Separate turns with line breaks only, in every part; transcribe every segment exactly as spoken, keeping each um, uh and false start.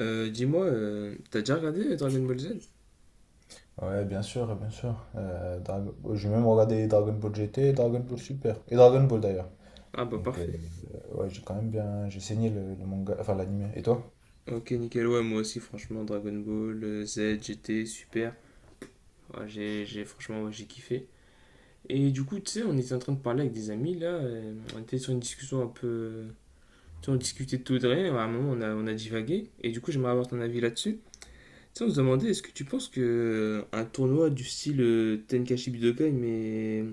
Euh, dis-moi, euh, t'as déjà regardé Dragon Ball Z?
Ouais, bien sûr, bien sûr. Euh, Dragon- J'ai même regardé Dragon Ball G T, Dragon Ball Super et Dragon Ball d'ailleurs.
Ah bah
Donc, euh,
parfait.
ouais, j'ai quand même bien. J'ai saigné le, le manga, enfin l'anime. Et toi?
Ok, nickel, ouais, moi aussi, franchement, Dragon Ball euh, Z, G T, super. Ouais, j'ai, j'ai- franchement, ouais, j'ai kiffé. Et du coup, tu sais, on était en train de parler avec des amis, là, euh, on était sur une discussion un peu. euh, Tu sais, on discutait de tout et de rien, à un moment, on a, on a divagué, et du coup, j'aimerais avoir ton avis là-dessus. Tiens, on se demandait, est-ce que tu penses que euh, un tournoi du style euh, Tenkaichi Budokai, mais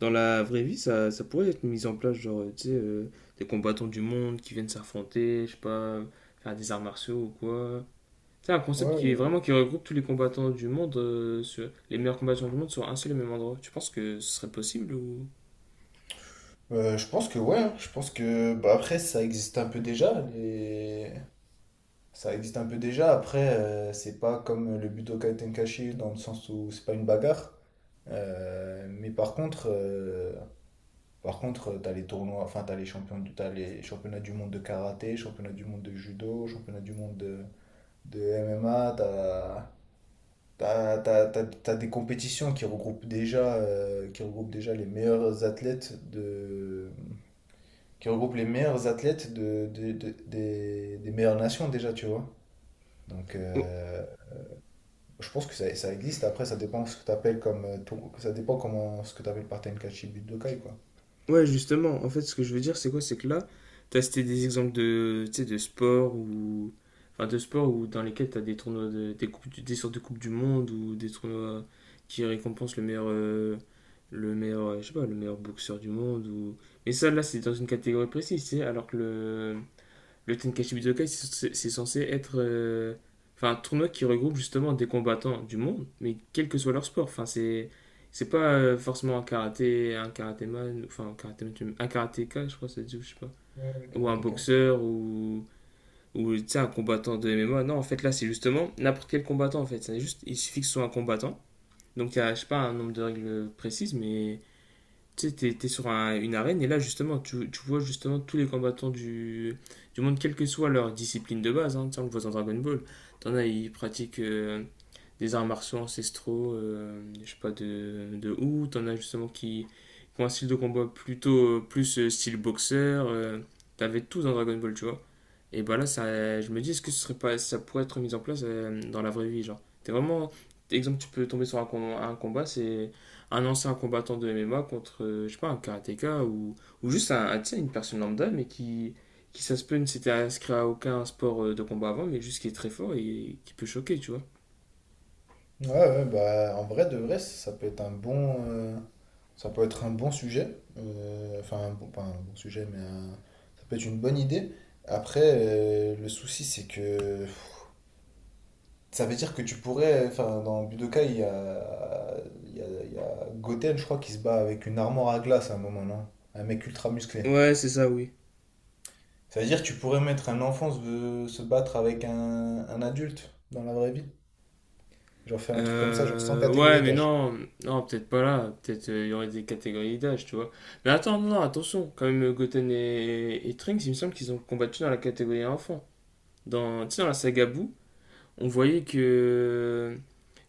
dans la vraie vie, ça, ça pourrait être mis en place, genre, euh, tu sais, euh, des combattants du monde qui viennent s'affronter, je sais pas, faire des arts martiaux ou quoi. C'est un concept
Ouais,
qui est vraiment
ouais.
qui regroupe tous les combattants du monde, euh, sur- les meilleurs combattants du monde sur un seul et même endroit. Tu penses que ce serait possible ou,
Euh, je pense que ouais, hein. Je pense que bah, après ça existe un peu déjà les... Ça existe un peu déjà après euh, c'est pas comme le Budokai Tenkaichi dans le sens où c'est pas une bagarre. Euh, mais par contre, euh, Par contre, euh, t'as les tournois, enfin, t'as les champions, du- t'as les championnats du monde de karaté, championnats du monde de judo, championnats du monde de, de M M A, t'as, t'as, t'as- t'as- t'as des compétitions qui regroupent déjà, euh, qui regroupent déjà les meilleurs athlètes de, qui regroupent les meilleurs athlètes de, de- de- des, des meilleures nations déjà, tu vois. Donc,
ou
euh, je pense que ça, ça existe. Après, ça dépend ce que t'appelles comme, euh, tour- ça dépend comment, ce que t'appelles par Tenkaichi Budokai, quoi.
Ouais, justement, en fait, ce que je veux dire, c'est quoi? C'est que là, tu as cité des exemples de, tu sais, de sport ou. Enfin, de sport ou dans lesquels tu as des tournois, de- des, coupes, du- des sortes de coupes du monde ou des tournois qui récompensent le meilleur, euh, le meilleur, euh, je sais pas, le meilleur boxeur du monde ou. Mais ça, là, c'est dans une catégorie précise, tu sais, alors que le. Le Tenkaichi Budokai, c'est c'est censé être euh, enfin, un tournoi qui regroupe justement des combattants du monde, mais quel que soit leur sport. Enfin, c'est c'est pas euh, forcément un karaté, un karatéman, enfin un karatéman, un karatéka, je crois, que ça se dit, ou je sais pas,
Ouais, ouais,
ou un
karatéka.
boxeur ou ou tu sais, un combattant de M M A. Non, en fait là, c'est justement n'importe quel combattant en fait. C'est juste, il suffit que ce soit un combattant. Donc il y a, je sais pas, un nombre de règles précises, mais tu sais, t'es, t'es sur un- une arène et là, justement, tu, tu vois justement tous les combattants du, du monde, quelle que soit leur discipline de base. Hein, tu sais, on le voit dans Dragon Ball. T'en as, ils pratiquent euh, des arts martiaux ancestraux, euh, je sais pas, de, de où. T'en as justement qui, qui ont un style de combat plutôt euh, plus euh, style boxeur. euh, T'avais tout dans Dragon Ball, tu vois. Et bah là, ça, je me dis, est-ce que ce serait pas, ça pourrait être mis en place euh, dans la vraie vie, genre. T'es vraiment, exemple, tu peux tomber sur un, com- un combat, c'est un ancien combattant de M M A contre, euh, je sais pas, un karatéka ou, ou juste un, un- tu sais, une personne lambda, mais qui, qui ça se peut, ne s'était inscrit à aucun sport euh, de combat avant, mais juste qui est très fort et qui peut choquer, tu vois.
Ouais, ouais, bah, en vrai, de vrai, ça peut être un bon, euh, ça peut être un bon sujet. Euh, enfin, un bon- pas un bon sujet, mais un- ça peut être une bonne idée. Après, euh, le souci, c'est que pff, ça veut dire que tu pourrais, enfin, dans Budokai, il y a, il y a, il y a Goten, je crois, qui se bat avec une armoire à glace à un moment, non? Un mec ultra musclé.
Ouais, c'est ça, oui.
Ça veut dire que tu pourrais mettre un enfant se, se battre avec un, un adulte dans la vraie vie. Genre faire un truc comme ça, genre sans
Euh,
catégorie
ouais, mais
d'âge.
non, non, peut-être pas là. Peut-être euh, il y aurait des catégories d'âge, tu vois. Mais attends, non, non, attention. Quand même, Goten et, et Trunks, il me semble qu'ils ont combattu dans la catégorie enfant. Dans, tu sais, dans la saga Boo. On voyait que.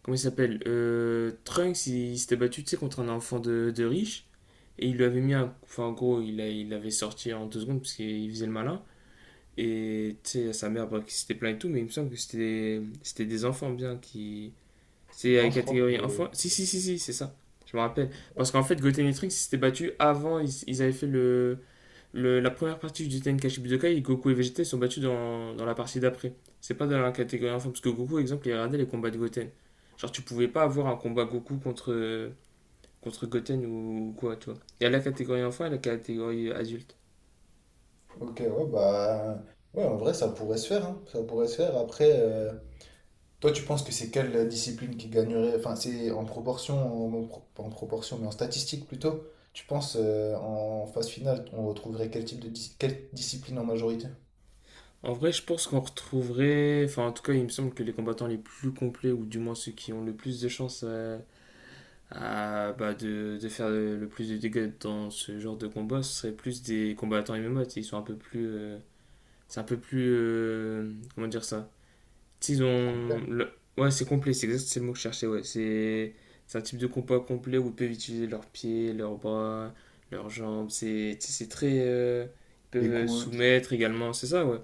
Comment il s'appelle, Euh, Trunks, il, il s'était battu, tu sais, contre un enfant de, de riche. Et il lui avait mis un. Enfin, en gros, il, a- il l'avait sorti en deux secondes parce qu'il faisait le malin. Et tu sais, sa mère, bah, qui s'était plaint et tout, mais il me semble que c'était c'était des enfants bien qui. C'était la
Non, je crois.
catégorie enfant. Si, si, si, si, c'est ça. Je me rappelle. Parce qu'en fait, Goten et Trunks, ils s'étaient battus avant, ils, ils avaient fait le. Le- la première partie du Tenkaichi Budokai, Goku et Vegeta ils sont battus dans, dans la partie d'après. C'est pas dans la catégorie enfant, parce que Goku, par exemple, il regardait les combats de Goten. Genre, tu pouvais pas avoir un combat Goku contre, contre Goten ou quoi, tu vois. Il y a la catégorie enfant et la catégorie adulte.
Ok, ouais, bah. Ouais, en vrai, ça pourrait se faire, hein. Ça pourrait se faire. Après, euh, toi, tu penses que c'est quelle discipline qui gagnerait? Enfin, c'est en proportion, en, en pro- pas en proportion, mais en statistique plutôt. Tu penses euh, en phase finale, on retrouverait quel type de dis- quelle discipline en majorité?
En vrai, je pense qu'on retrouverait. Enfin, en tout cas, il me semble que les combattants les plus complets, ou du moins ceux qui ont le plus de chances à, à, bah, de, de faire le plus de dégâts dans ce genre de combat, ce serait plus des combattants M M A. Tu sais, ils sont un peu plus. euh, C'est un peu plus. Euh, comment dire ça? Tu sais, ils ont.
Complet.
le- Ouais, c'est complet, c'est exact, c'est le mot que je cherchais, ouais. C'est c'est un type de combat complet où ils peuvent utiliser leurs pieds, leurs bras, leurs jambes. C'est, tu sais, c'est très. euh, Ils peuvent euh,
Écoute.
soumettre également, c'est ça, ouais.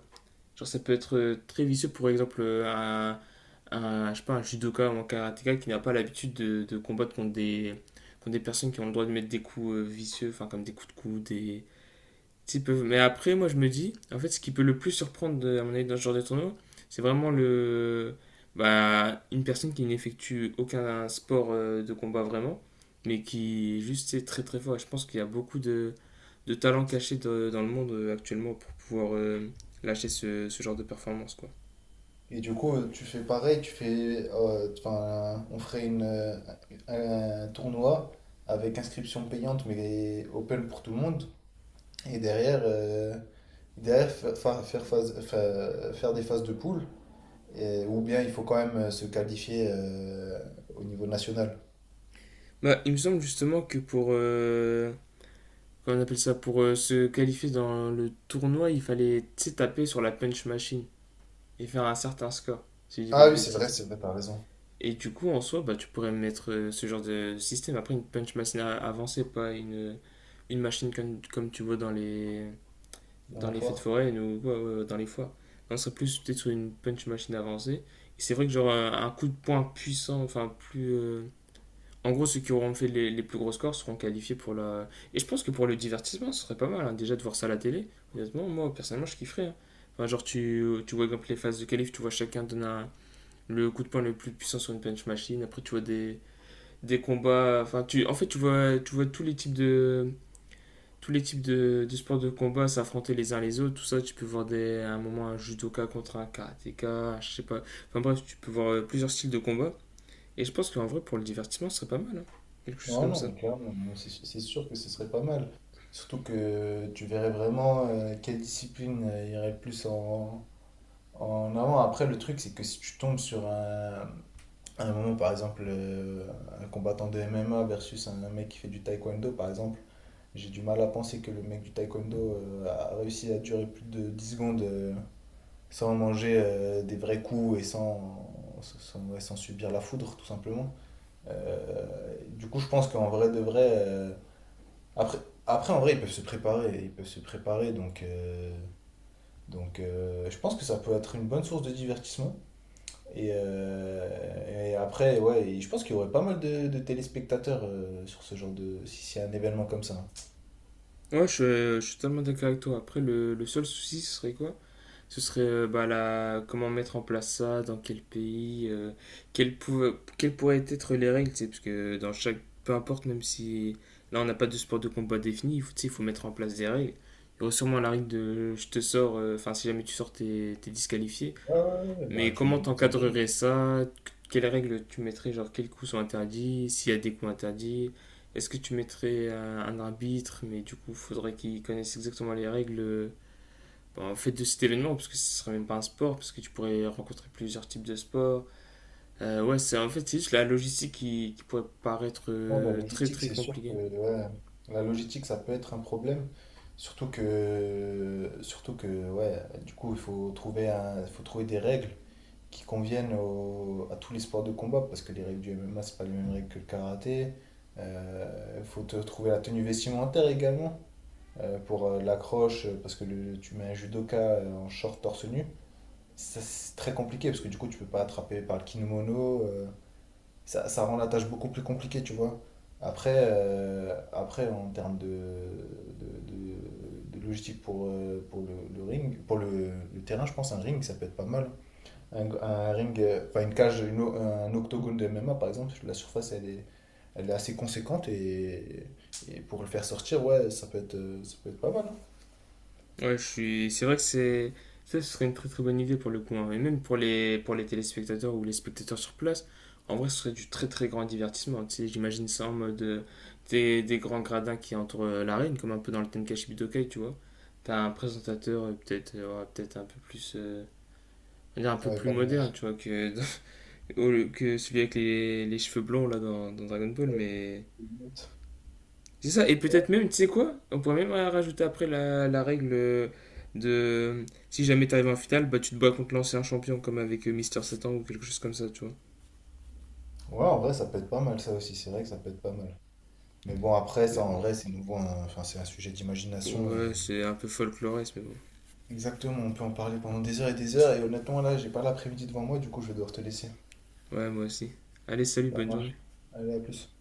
Genre, ça peut être euh, très vicieux, pour exemple, euh, un. Un, je sais pas, un judoka ou un karatéka qui n'a pas l'habitude de, de combattre contre des, contre des personnes qui ont le droit de mettre des coups euh, vicieux, enfin, comme des coups de coude, des petit peu. Mais après, moi, je me dis, en fait, ce qui peut le plus surprendre, à mon avis, dans ce genre de tournoi, c'est vraiment le, bah, une personne qui n'effectue aucun sport euh, de combat vraiment, mais qui juste est très très fort. Et je pense qu'il y a beaucoup de, de talents cachés de- dans le monde euh, actuellement pour pouvoir euh, lâcher ce, ce genre de performance, quoi.
Et du coup, tu fais pareil, tu fais. Euh, Enfin, on ferait une, euh, un tournoi avec inscription payante, mais open pour tout le monde. Et derrière. euh, Derrière, fa- fa- faire, phase- fa- faire des phases de poule, et- ou bien il faut quand même euh, se qualifier euh, au niveau national.
Bah, il me semble justement que pour, euh, comment on appelle ça, pour euh, se qualifier dans le tournoi, il fallait tu sais, taper sur la punch machine et faire un certain score, si je dis pas
Ah
de
oui, c'est vrai,
bêtises.
c'est vrai, t'as raison.
Et du coup, en soi, bah, tu pourrais mettre euh, ce genre de système. Après, une punch machine a- avancée, pas une, une machine comme, comme tu vois dans les,
Dans
dans
la
les fêtes
foire.
foraines ou ouais, ouais, ouais, dans les foires. On serait plus peut-être sur une punch machine avancée. Et c'est vrai que genre un, un coup de poing puissant, enfin plus. euh, En gros, ceux qui auront fait les, les plus gros scores seront qualifiés pour la. Et je pense que pour le divertissement, ce serait pas mal, hein, déjà de voir ça à la télé. Honnêtement, moi, personnellement, je kifferais, hein. Enfin, genre, tu, tu vois, par exemple, les phases de qualif, tu vois chacun donner un le coup de poing le plus puissant sur une punch machine. Après, tu vois des, des combats. Enfin, tu, en fait, tu vois, tu vois tous les types de tous les types de, de sports de combat s'affronter les uns les autres. Tout ça, tu peux voir des, à un moment un judoka contre un karatéka. Je sais pas. Enfin bref, tu peux voir euh, plusieurs styles de combat. Et je pense qu'en vrai, pour le divertissement, ce serait pas mal, hein. Quelque chose
Non,
comme
non,
ça.
mais clairement, non, c'est c'est sûr que ce serait pas mal. Surtout que tu verrais vraiment euh, quelle discipline euh, irait le plus en, en avant. Après, le truc, c'est que si tu tombes sur un, un moment, par exemple, euh, un combattant de M M A versus un mec qui fait du taekwondo, par exemple. J'ai du mal à penser que le mec du taekwondo euh, a réussi à durer plus de dix secondes euh, sans manger euh, des vrais coups et sans, sans, ouais, sans subir la foudre, tout simplement. Euh, du coup, je pense qu'en vrai de vrai. Euh, après, après, en vrai, ils peuvent se préparer. Ils peuvent se préparer, donc. euh, donc, euh, je pense que ça peut être une bonne source de divertissement. Et, euh, et après, ouais, et je pense qu'il y aurait pas mal de, de téléspectateurs euh, sur ce genre de. Si c'est un événement comme ça.
Ouais, je, je suis totalement d'accord avec toi. Après, le, le seul souci, ce serait quoi? Ce serait euh, bah, la... comment mettre en place ça, dans quel pays, euh, quelles, pouva- quelles pourraient être les règles, tu sais, parce que dans chaque. Peu importe, même si là on n'a pas de sport de combat défini, il faut, tu sais, il faut mettre en place des règles. Il y aurait sûrement la règle de je te sors, euh, enfin si jamais tu sors, t'es t'es disqualifié.
Ouais, ouais, ouais, bah
Mais
tu mets
comment
dans un
t'encadrerais
ring.
ça? Quelles règles tu mettrais, genre quels coups sont interdits, s'il y a des coups interdits? Est-ce que tu mettrais un, un arbitre, mais du coup faudrait qu'il connaisse exactement les règles euh, en fait de cet événement parce que ce serait même pas un sport parce que tu pourrais rencontrer plusieurs types de sports. Euh, ouais, c'est en fait c'est juste la logistique qui, qui pourrait paraître
Ouais, la
euh, très
logistique,
très
c'est sûr que
compliquée.
ouais, la logistique, ça peut être un problème. Surtout que, surtout que ouais, du coup, il faut trouver un, il faut trouver des règles qui conviennent au- à tous les sports de combat. Parce que les règles du M M A, c'est pas les mêmes règles que le karaté. Il faut te trouver la tenue vestimentaire également euh, pour euh, l'accroche. euh, Parce que le- tu mets un judoka euh, en short torse nu. Ça, c'est très compliqué parce que du coup, tu peux pas attraper par le kimono. euh, ça, ça rend la tâche beaucoup plus compliquée, tu vois. Après, euh, après en termes de, de, de- de logistique pour, euh, pour le, le ring, pour le, le terrain, je pense un ring, ça peut être pas mal. Un, un ring, euh, enfin une cage, une o- un octogone de M M A par exemple, la surface elle est, elle est assez conséquente et, et pour le faire sortir, ouais, ça peut être, euh, ça peut être pas mal.
Ouais, je suis, c'est vrai que c'est ça, ce serait une très très bonne idée pour le coup, hein. Et même pour les pour les téléspectateurs ou les spectateurs sur place, en vrai ce serait du très très grand divertissement. Tu sais, j'imagine ça en mode euh, des, des grands gradins qui entourent euh, l'arène comme un peu dans le Tenkaichi Budokai, tu vois. T'as un présentateur euh, peut-être euh, ouais, peut-être un peu plus euh, on va dire un
Hein.
peu
Ouais,
plus
pas
moderne, tu
mal.
vois, que. Oh, le- que celui avec les, les cheveux blonds là dans, dans Dragon Ball,
Ouais.
mais c'est ça. Et peut-être même, tu sais quoi? On pourrait même euh, rajouter après la, la règle euh, de euh, si jamais t'arrives en finale, bah tu te bats contre l'ancien champion comme avec euh, Mister Satan ou quelque chose comme ça, tu vois.
Ouais, en vrai, ça peut être pas mal, ça aussi. C'est vrai que ça peut être pas mal. Mais bon, après, ça
Mais
en
bon,
vrai, c'est nouveau, un- enfin, c'est un sujet d'imagination
ouais,
et
c'est un peu folkloriste, mais bon.
exactement, on peut en parler pendant des heures et des heures. Et honnêtement, là, j'ai pas l'après-midi devant moi, du coup, je vais devoir te laisser.
Ouais, moi aussi. Allez, salut,
Ça
bonne journée.
marche. Allez, à plus.